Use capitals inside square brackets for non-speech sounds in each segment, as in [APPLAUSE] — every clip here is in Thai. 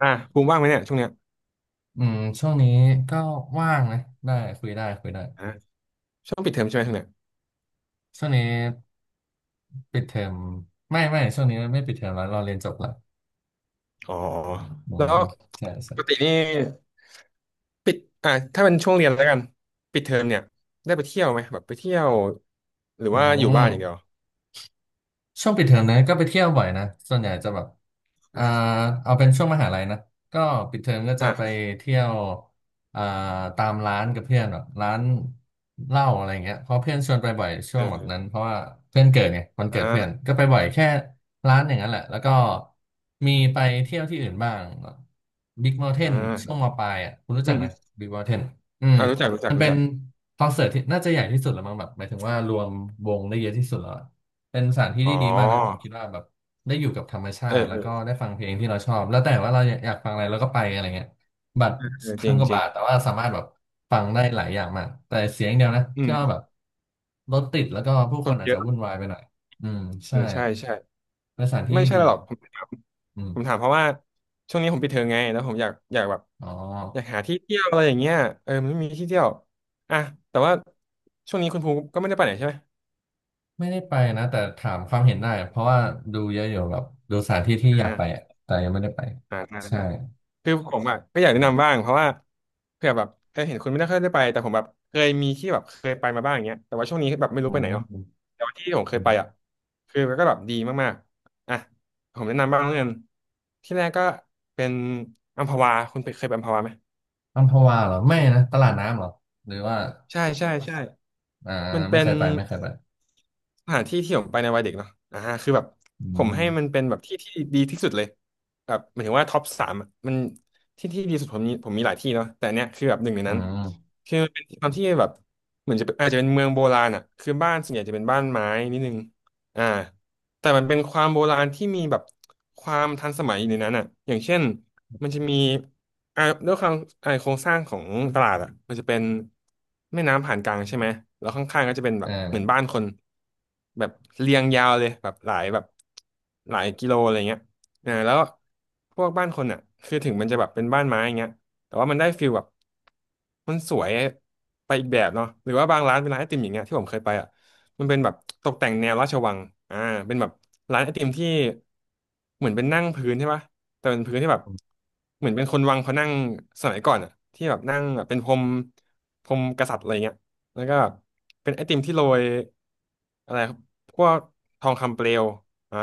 อ่ะภูมิว่างไหมเนี่ยช่วงเนี้ยอืมช่วงนี้ก็ว่างนะได้คุยได้คุยได้อ่ะช่วงปิดเทอมใช่ไหมช่วงเนี้ยช่วงนี้ปิดเทอมไม่ช่วงนี้ไม่ปิดเทอมแล้วเราเรียนจบละอ๋ออืแล้วมใช่ปใช่กตินี่ปิดอ่ะถ้าเป็นช่วงเรียนแล้วกันปิดเทอมเนี่ยได้ไปเที่ยวไหมแบบไปเที่ยวหรืออืว่าอยู่ม บ้านอย่างเดียวช่วงปิดเทอมนะก็ไปเที่ยวบ่อยนะส่วนใหญ่จะแบบอ่าอ่ะเอาเป็นช่วงมหาลัยนะก็ปิดเทอมก็จะอ่ะไปเที่ยวอ่าตามร้านกับเพื่อนแบบร้านเหล้าอะไรเงี้ยเพราะเพื่อนชวนไปบ่อยช่วเองแบบอนั้นเพราะว่าเพื่อนเกิดไงวันเกิดเพื่อนอ่าก็ไปบ่อยแค่ร้านอย่างนั้นแหละแล้วก็มีไปเที่ยวที่อื่นบ้างบิ๊กเมาน์เทอ่นช่วงมาปลายอ่ะคุณรู้อืจักมอไหมมบิ๊กเมาน์เทนอืมอ่ารู้จักรู้จักมันรู้เป็นจักคอนเสิร์ตที่น่าจะใหญ่ที่สุดแล้วมั้งแบบหมายถึงว่ารวมวงได้เยอะที่สุดแล้ว เป็นสถานที่อ๋อที่ดีมากนะผมคิดว่าแบบได้อยู่กับธรรมชาเออติแล้เอวอก็ได้ฟังเพลงที่เราชอบแล้วแต่ว่าเราอยากฟังอะไรเราก็ไปอะไรเงี้ยบัตรเออเออจพันริงกว่าจริบางทแต่ว่าสามารถแบบฟังได้หลายอย่างมากแต่เสียงเดียวนะอืที่ว่ามแบบรถติดแล้วก็ผู้คคนนอาจเยจะอะวุ่นวายไปหน่อยอืมเอใช่อใช่ใช่เป็นสถานที่ไม่ที่ใช่ดีหรอกอ่ะผม อืมผมถามเพราะว่าช่วงนี้ผมปิดเทอมไงแล้วผมอยากแบบอ๋ออยากหาที่เที่ยวอะไรอย่างเงี้ยเออมันไม่มีที่เที่ยวอ่ะแต่ว่าช่วงนี้คุณภูมิก็ไม่ได้ไปไหนใช่ไหมไม่ได้ไปนะแต่ถามความเห็นได้เพราะว่าดูเยอะอยู่แบบดูสถานที่ที่อยากไปอ่าอะแต่ยังไม่ได้ไปอ่าได้ใช่ได้คือผมอ่ะก็อยากอืแนะมนำบ้างเพราะว่าเผื่อแบบเออเห็นคุณไม่ได้ค่อยได้ไปแต่ผมแบบเคยมีที่แบบเคยไปมาบ้างอย่างเงี้ยแต่ว่าช่วงนี้แบบไม่รู้อืไปไหนเนาะแต่ว่าที่ผมเคยไปม อ่ะคือมันก็แบบดีมากๆอ่ะผมแนะนำบ้างแล้วกันที่แรกก็เป็นอัมพวาคุณเคยไปอัมพวาไหม อัมพวาเหรอไม่นะตลาดน้ำเหรอหรือว่าใช่ อ่ามันไม่เป็เคนยไปไม่เคยไปสถานที่ที่ผมไปในวัยเด็กเนาะอ่าคือแบบอืผมให้มันมเป็นแบบที่ที่ดีที่สุดเลยแบบหมายถึงว่าท็อปสามอะมันที่ที่ดีสุดผมมีผมมีหลายที่เนาะแต่อันเนี้ยคือแบบหนึ่งในอืนั้น มคือมันเป็นความที่แบบเหมือนจะเป็นอาจจะเป็นเมืองโบราณอ่ะคือบ้านส่วนใหญ่จะเป็นบ้านไม้นิดนึงอ่า แต่มันเป็นความโบราณที่มีแบบความทันสมัยอยู่ในนั้นอ่ะอย่างเช่นมันจะมีด้วยความโครงสร้างของตลาดอ่ะมันจะเป็นแม่น้ำผ่านกลางใช่ไหมแล้วข้างๆก็จะเป็นแบเอบเหมือนบ้าอนคนแบบเรียงยาวเลยแบบหลายแบบหลายกิโลอะไรเงี้ยอ่าแล้วพวกบ้านคนอ่ะคือถึงมันจะแบบเป็นบ้านไม้อย่างเงี้ยแต่ว่ามันได้ฟิลแบบมันสวยไปอีกแบบเนาะหรือว่าบางร้านเป็นร้านไอติมอย่างเงี้ยที่ผมเคยไปอ่ะ มันเป็นแบบตกแต่งแนวราชวังอ่าเป็นแบบร้านไอติมที่เหมือนเป็นนั่งพื้นใช่ปะแต่เป็นพื้นที่แบบเหมือนเป็นคนวังเขานั่งสมัยก่อนอ่ะที่แบบนั่งแบบเป็นพรมกษัตริย์อะไรเงี้ยแล้วก็เป็นไอติมที่โรยอะไรครับพวกทองคำเปลวอ่า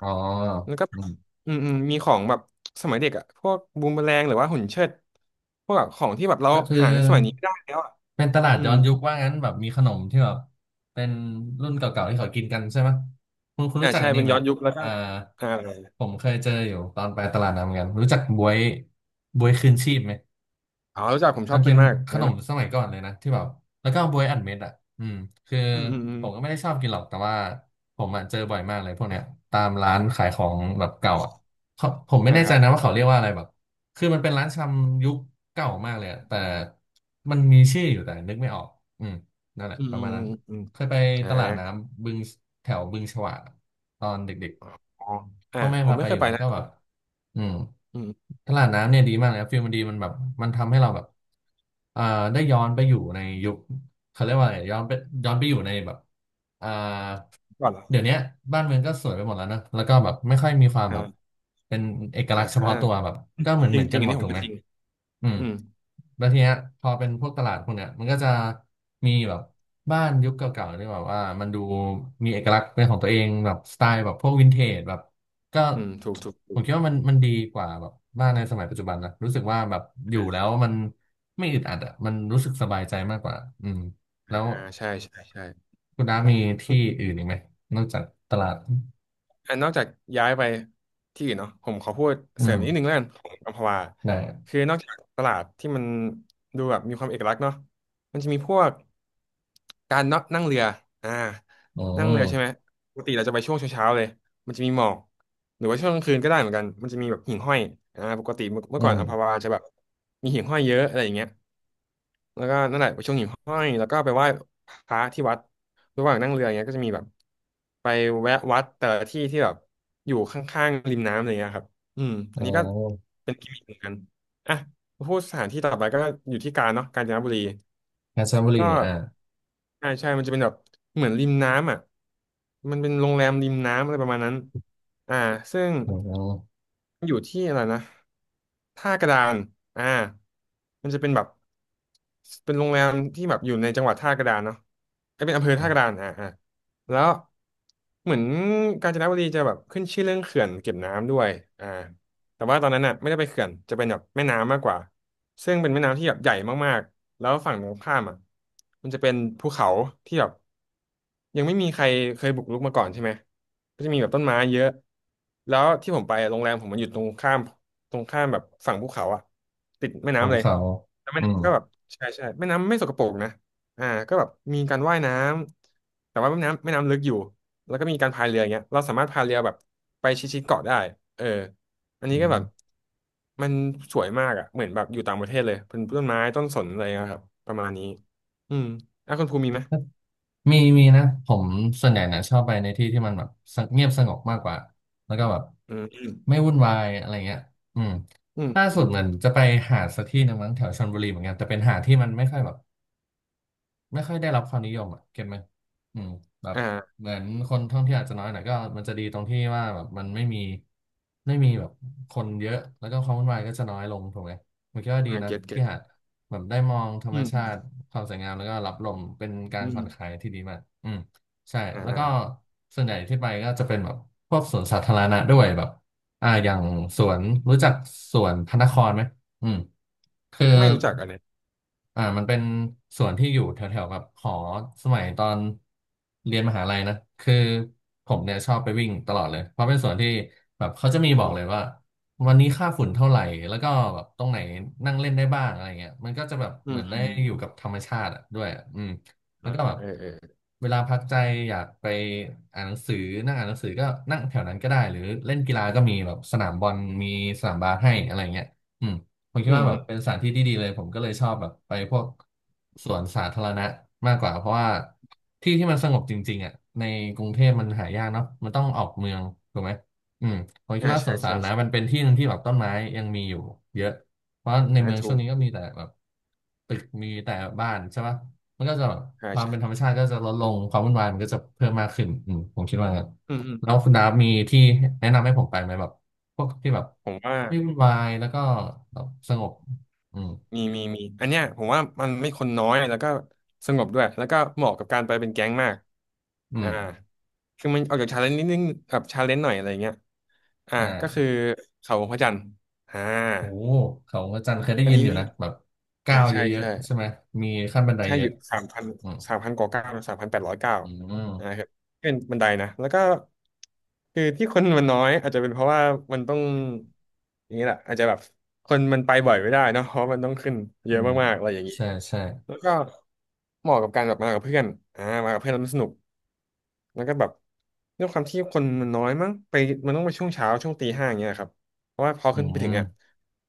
อ๋อแล้วก็อืมอืมอืมมีของแบบสมัยเด็กอ่ะพวกบูมเมอแรงหรือว่าหุ่นเชิดพวกแบบของที่แบบเราก็คือหาในสมัยนี้ไม่ได้แล้วอ่ะเป็นตลาดอืย้มอนยุคว่างั้นแบบมีขนมที่แบบเป็นรุ่นเก่าๆที่เขากินกันใช่ไหมคุณอ่ารู้จักใช่อันเป็นี้นไหมย้อนยุคแล้วก็อ่าอ่า ผมเคยเจออยู่ตอนไปตลาดน้ำเหมือนกันรู้จักบวยบวยคืนชีพไหม อ๋อ รู้จักผมชมัอนบกิเป็นนมากขอันนนั้นมนะสมัยก่อนเลยนะที่แบบแล้วก็บวยอัดเม็ดอ่ะอืมคืออืมอืมอืมผมก็ไม่ได้ชอบกินหรอกแต่ว่าผมอ่ะเจอบ่อยมากเลยพวกเนี้ยตามร้านขายของแบบเก่าอ่ะเขาผมไม่อ่าแน่คใจรับนะว่าเขาเรียกว่าอะไรแบบคือมันเป็นร้านชำยุคเก่ามากเลยอะแต่มันมีชื่ออยู่แต่นึกไม่ออกอืมนั่นแหละอืปมระอืมาณมนั้นอืมอืมเคยไปอ่าตลาดน้ำบึงแถวบึงฉวากตอนเด็กอ๋อๆอ่าพ่อแม่ผมพาไม่ไปเคอยยู่ไปแล้วนะก็แบบ อืมอืมตลาดน้ำเนี่ยดีมากเลยครับฟิลมันดีมันแบบมันทำให้เราแบบเอ่อได้ย้อนไปอยู่ในยุคเขาเรียกว่าอะไรย้อนไปย้อนไปอยู่ในแบบอ่าก่อนเหรอเดี๋ยวเนี้ยบ้านเมืองก็สวยไปหมดแล้วนะแล้วก็แบบไม่ค่อยมีความแบบอ่าเป็นเอกอ่าลักษณ์เฉอ่าพาะตัวแบบก็เหมือนจเหริมืงอนจริกัง นอันหมดนี้ผถูมกก็ไหมจริง อืม อืมแล้วทีเนี้ยพอเป็นพวกตลาดพวกเนี้ยมันก็จะมีแบบบ้านยุคเก่าๆที่แบบว่ามันดูมีเอกลักษณ์เป็นของตัวเองแบบสไตล์แบบพวกวินเทจแบบก็อืมถูกถูกถูผมกคิดว่ามันดีกว่าแบบบ้านในสมัยปัจจุบันนะรู้สึกว่าแบบอยู่แล้วมันไม่อึดอัดอ่ะมันรู้สึกสบายใจมากกว่าอืมแล้วอ่าใช่ คุณน้ามีที่อื่นอีกไหมนอกจากตลาดอันนอกจากย้ายไปที่อื่นเนาะผมขอพูดอืเสริมมนิดนึงแล้วกันของอัมพวาได้คือนอกจากตลาดที่มันดูแบบมีความเอกลักษณ์เนาะมันจะมีพวกการนนั่งเรืออ่าอืนั่งเรือใช่ไหมมปกติเราจะไปช่วงเช้าๆเลยมันจะมีหมอกหรือว่าช่วงกลางคืนก็ได้เหมือนกันมันจะมีแบบหิ่งห้อยอ่าปกติเมื่อเมื่อือก่อนมอัมพวาจะแบบมีหิ่งห้อยเยอะอะไรอย่างเงี้ยแล้วก็นั่นแหละไปชมหิ่งห้อยแล้วก็ไปไหว้พระที่วัด ระหว่างนั่งเรืออย่างเงี้ยก็จะมีแบบไปแวะวัดแต่ละที่ที่แบบอยู่ข้างๆริมน้ำอะไรเงี้ยครับอืมอ๋อัอนนี้ก็เป็นกิมมิคเหมือนกัน อ่ะ พูดสถานที่ต่อไปก็อยู่ที่กาญเนาะกาญจนบุรี เพชรบุรีก็อ่าใช่มันจะเป็นแบบเหมือนริมน้ำอ่ะมันเป็นโรงแรมริมน้ำอะไรประมาณนั้นอ่าซึ่ง อืมอยู่ที่อะไรนะท่ากระดานอ่ามันจะเป็นแบบเป็นโรงแรมที่แบบอยู่ในจังหวัดท่ากระดานเนาะไอยเป็นอำเภอท่ากระดานอ่าอ่าแล้วเหมือนกาญจนบุรีจะแบบขึ้นชื่อเรื่องเขื่อนเก็บน้ำด้วยอ่า แต่ว่าตอนนั้นน่ะไม่ได้ไปเขื่อนจะเป็นแบบแม่น้ำมากกว่าซึ่งเป็นแม่น้ำที่แบบใหญ่มากๆแล้วฝั่งตรงข้ามอ่ะมันจะเป็นภูเขาที่แบบยังไม่มีใครเคยบุกรุกมาก่อนใช่ไหมก็จะมีแบบต้นไม้เยอะแล้วที่ผมไปอะโรงแรมผมมันอยู่ตรงข้ามแบบฝั่งภูเขาอ่ะติดแม่ของน้ำเลยเขาแล้วแม่อืม น้ำก็แบบใช่ใช่แม่น้ำไม่สกปรกนะอ่าก็แบบมีการว่ายน้ำแต่ว่าแม่น้ำลึกอยู่แล้วก็มีการพายเรืออย่างเงี้ยเราสามารถพายเรือแบบไปชิดๆเกาะได้เออ อันอืนี้ก็แบบมมันสวยมากอ่ะเหมือนแบบอยู่ต่างประเทศเลยเป็นต้นไม้ต้นสนอะไรนะครับประมาณนี้อืมอ่ะคุณภูมิมีไหมมีมีนะผมส่วนใหญ่เนี่ยชอบไปในที่ที่มันแบบสงเงียบสงบมากกว่าแล้วก็แบบอืมไม่วุ่นวายอะไรเงี้ยอืมอืมล่าอืสุดมเหมือนจะไปหาดสักที่หนึ่งมั้งแถวชลบุรีเหมือนกันแต่เป็นหาดที่มันไม่ค่อยแบบ ไม่ค่อยได้รับความนิยมอ่ะเก็ตไหมอืมแบบอ่าเหมือนคนท่องเที่ยวอาจจะน้อยหน่อยก็มันจะดีตรงที่ว่าแบบมันไม่มีไม่มีแบบคนเยอะแล้วก็ความวุ่นวายก็จะน้อยลงถูกไหมผมคิดว่าดีอ่านะเก็ตเก็ที่ตหาดแบบได้มองธรรอืมชามติความสวยงามแล้วก็รับลมเป็นการอืผ่มอนคลายที่ดีมากอืมใช่อ่าแล้วอ่าก็ส่วนใหญ่ที่ไปก็จะเป็นแบบพวกสวนสาธารณะด้วยแบบอย่างสวนรู้จักสวนพระนครไหมอืม คือไม่รู้จักอันเนี้ยมันเป็นสวนที่อยู่แถวๆกับหอสมัยตอนเรียนมหาลัยนะคือผอมมเนี่ยชอบไปวิ่งตลอดเลยเพราะเป็นสวนที่แบบเขาจะมีอ๋บออกเลยว่าวันนี้ค่าฝุ่นเท่าไหร่แล้วก็แบบตรงไหนนั่งเล่นได้บ้างอะไรเงี้ยมันก็จะแบบอืเหมืมอนอืได้มอือยู่มกับธรรมชาติอะด้วยอะอืมแล้วอ่าก็แบบเออเออเวลาพักใจอยากไปอ่านหนังสือนั่งอ่านหนังสือก็นั่งแถวนั้นก็ได้หรือเล่นกีฬาก็มีแบบสนามบอลมีสนามบาสให้อะไรเงี้ย ผมคิดอืมว่าแบอืบมเป็นสถานที่ที่ดีเลยผมก็เลยชอบแบบไปพวกสวนสาธารณะมากกว่าเพราะว่าที่ที่มันสงบจริงๆอ่ะในกรุงเทพมันหายากเนาะมันต้องออกเมืองถูกไหมอืมผมคิดอ่าว่าสใช่วนสาใช่ธารณะมันใช่เป็นที่หนึ่งที่แบบต้นไม้ยังมีอยู่เยอะเพราะในอ่าเมืองถูช่วงกนี้ก็มีแต่แบบตึกมีแต่บ้านใช่ปะมันก็จะแบบอ่าความเป็นธรรใช่มชาติก็จะลดลงความวุ่นวายมันก็จะเพิ่มมากขึ้นอืมผมคิดว่างั้นอืมอืมแล้วคุณดาฟมีที่แนะนำให้ผมไปไหมแบบ พวกที่แบบผมว่า ไม่วุ่นวายแล้วก็แบบสงบอืมมีมีมีอันเนี้ยผมว่ามันไม่คนน้อยแล้วก็สงบด้วยแล้วก็เหมาะกับการไปเป็นแก๊งมากอือ่ามคือมันออกจากชาเลนจ์นิดนึงแบบชาเลนจ์หน่อยอะไรเงี้ยอ่าอก็คือ่าเขาพระจันทร์อ่าโอ้เขาพระจันทร์เคยได้อันยินนี้อยู่นะแบบอ่าก้าวเยใช่อะใช่ๆใช่ไหมมีขั้นบันไดใช่เยออะยู่สามพันอืมสามพันกว่าเก้า3,809อืนะมครับเป็นบันไดนะแล้วก็คือที่คนมันน้อยอาจจะเป็นเพราะว่ามันต้องอย่างนี้แหละอาจจะแบบคนมันไปบ่อยไม่ได้เนอะเพราะมันต้องขึ้นเยอือะมมากๆอะไรอย่างนี้ ใช่ใช่แล้วก็เหมาะกับการแบบมากับเพื่อนอ่ามากับเพื่อนแล้วมันสนุกแล้วก็แบบด้วยความที่คนมันน้อยมั้งไปมันต้องไปช่วงเช้า ช่วงตีห้าอย่างเงี้ยครับเพราะว่าพออืขึ้นไปถึงมอ่ะ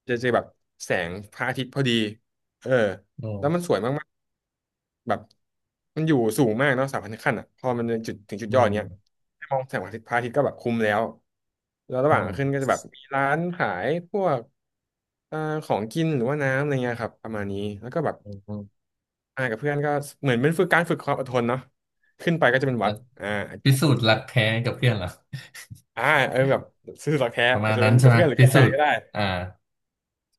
จะเจอแบบแสงพระอาทิตย์พอดีเอออืแล้วมันสมวยมากๆแบบมันอยู่สูงมากเนาะ3,000 ขั้นอ่ะพอมันจุดถึงจุดอืยอดมเนี้ยให้มองแสงพระอาทิตย์ก็แบบคุ้มแล้วแล้วระหอืว่างมขึ้นก็จะแบบมีร้านขายพวกเอ่อของกินหรือว่าน้ำอะไรเงี้ยครับประมาณนี้แล้วก็แบบ อืมอืมอ่ากับเพื่อนก็เหมือนเป็นฝึกการฝึกความอดทนเนาะขึ้นไปก็จะเป็นแล้วัวดอ่าพิสูจน์รักแท้กับเพื่อนเหรอ [LAUGHS] อ่าเออแบบซื่อสัตย์แท้ประอามาจณจะนั้เป็นนใช่กับไหมเพื่อนหรือพิกับแฟสูนจน์ก็ได้อ่า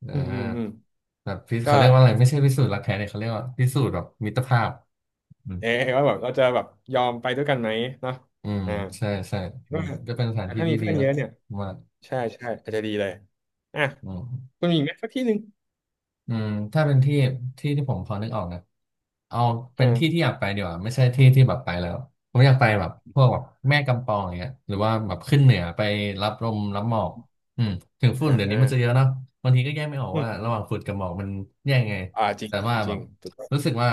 อ่อืมอืมอืามแบบเขาก็เรียกว่าอะไรไม่ใช่พิสูจน์รักแท้เนี่ยเขาเรียกว่าพิสูจน์แบบมิตรภาพ เออว่าแบบเราจะแบบยอมไปด้วยกันไหมเนาะอืมอ่าใช่ใช่อืก็มก็เป็นสถานที่ถ้ามีที่ดีเพื่อนเยนะอะเนี่ยผมว่าใช่ใช่อาจจะดีเลยอ่ะอืมคุณมีอีกไหมสักที่หนึ่งอืมถ้าเป็นที่ที่ที่ผมพอนึกออกนะเอาเป็นที่ที่อ่าอยากไปดีกว่าไม่ใช่ที่ที่แบบไปแล้วผมอยากไปแบบพวกแบบแม่กำปองอย่างเงี้ยหรือว่าแบบขึ้นเหนือไปรับลมรับหมอกอืมถึงฝุ่นอ่าเดี๋ยวนี้อ่ามันจะเยอะเนาะบางทีก็แยกไม่ออกอืว่าระหมว่างฝุ่นกับหมอกมันแยกไงอ่าจริงแต่จริงว่าจแบริงบ ถูกต้องรู้สึกว่า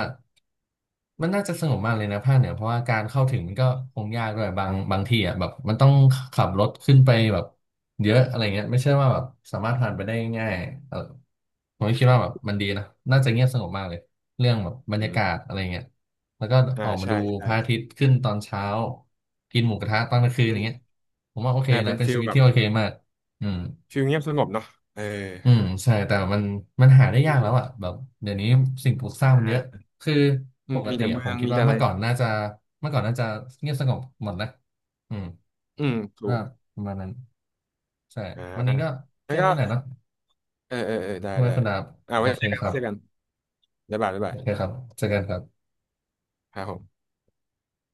มันน่าจะสงบมากเลยนะภาคเหนือเพราะว่าการเข้าถึงมันก็คงยากด้วยบางทีอ่ะแบบมันต้องขับรถขึ้นไปแบบเยอะอะไรเงี้ยไม่ใช่ว่าแบบสามารถผ่านไปได้ง่ายเออผมก็คิดว่าแบบมันดีนะน่าจะเงียบสงบมากเลยเรื่องแบบบรรอืยามกาศอะไรเงี้ยแล้วก็อ่าออกมาใช่ดูพใช่ระอาทิตย์ขึ้นตอนเช้ากินหมูกระทะตอนกลางคืนอเป็ย่านงเงี้ยผมว่าโอเคอ่านะเป็นเป็นฟิชีลวิตแบบที่โอเคมากอืม ฟิลเงียบสงบเนาะเอออืมใช่แต่มันหาได้ดียากแล้ดีวอ่ะแบบเดี๋ยวนี้สิ่งปลูกสร้างมันอ่เยอะาคืออืปมกมีติแต่อะเมืผอมงคิดมีว่าแต่อะเมื่ไร อก่อนน่าจะเมื่อก่อนน่าจะเงียบสงบหมดนะอืมอืมถูก็กประมาณนั้นใช่อ่าวันนี้ก็งั้แค่นก็นี้แหละเนาะเออเออเออได้ทำไมได้คุณดาบอ่าโอไว้เคเจอกันครับเจอกันบ๊ายบายบ๊ายบาโอยเคครับเจอกันครับครับผม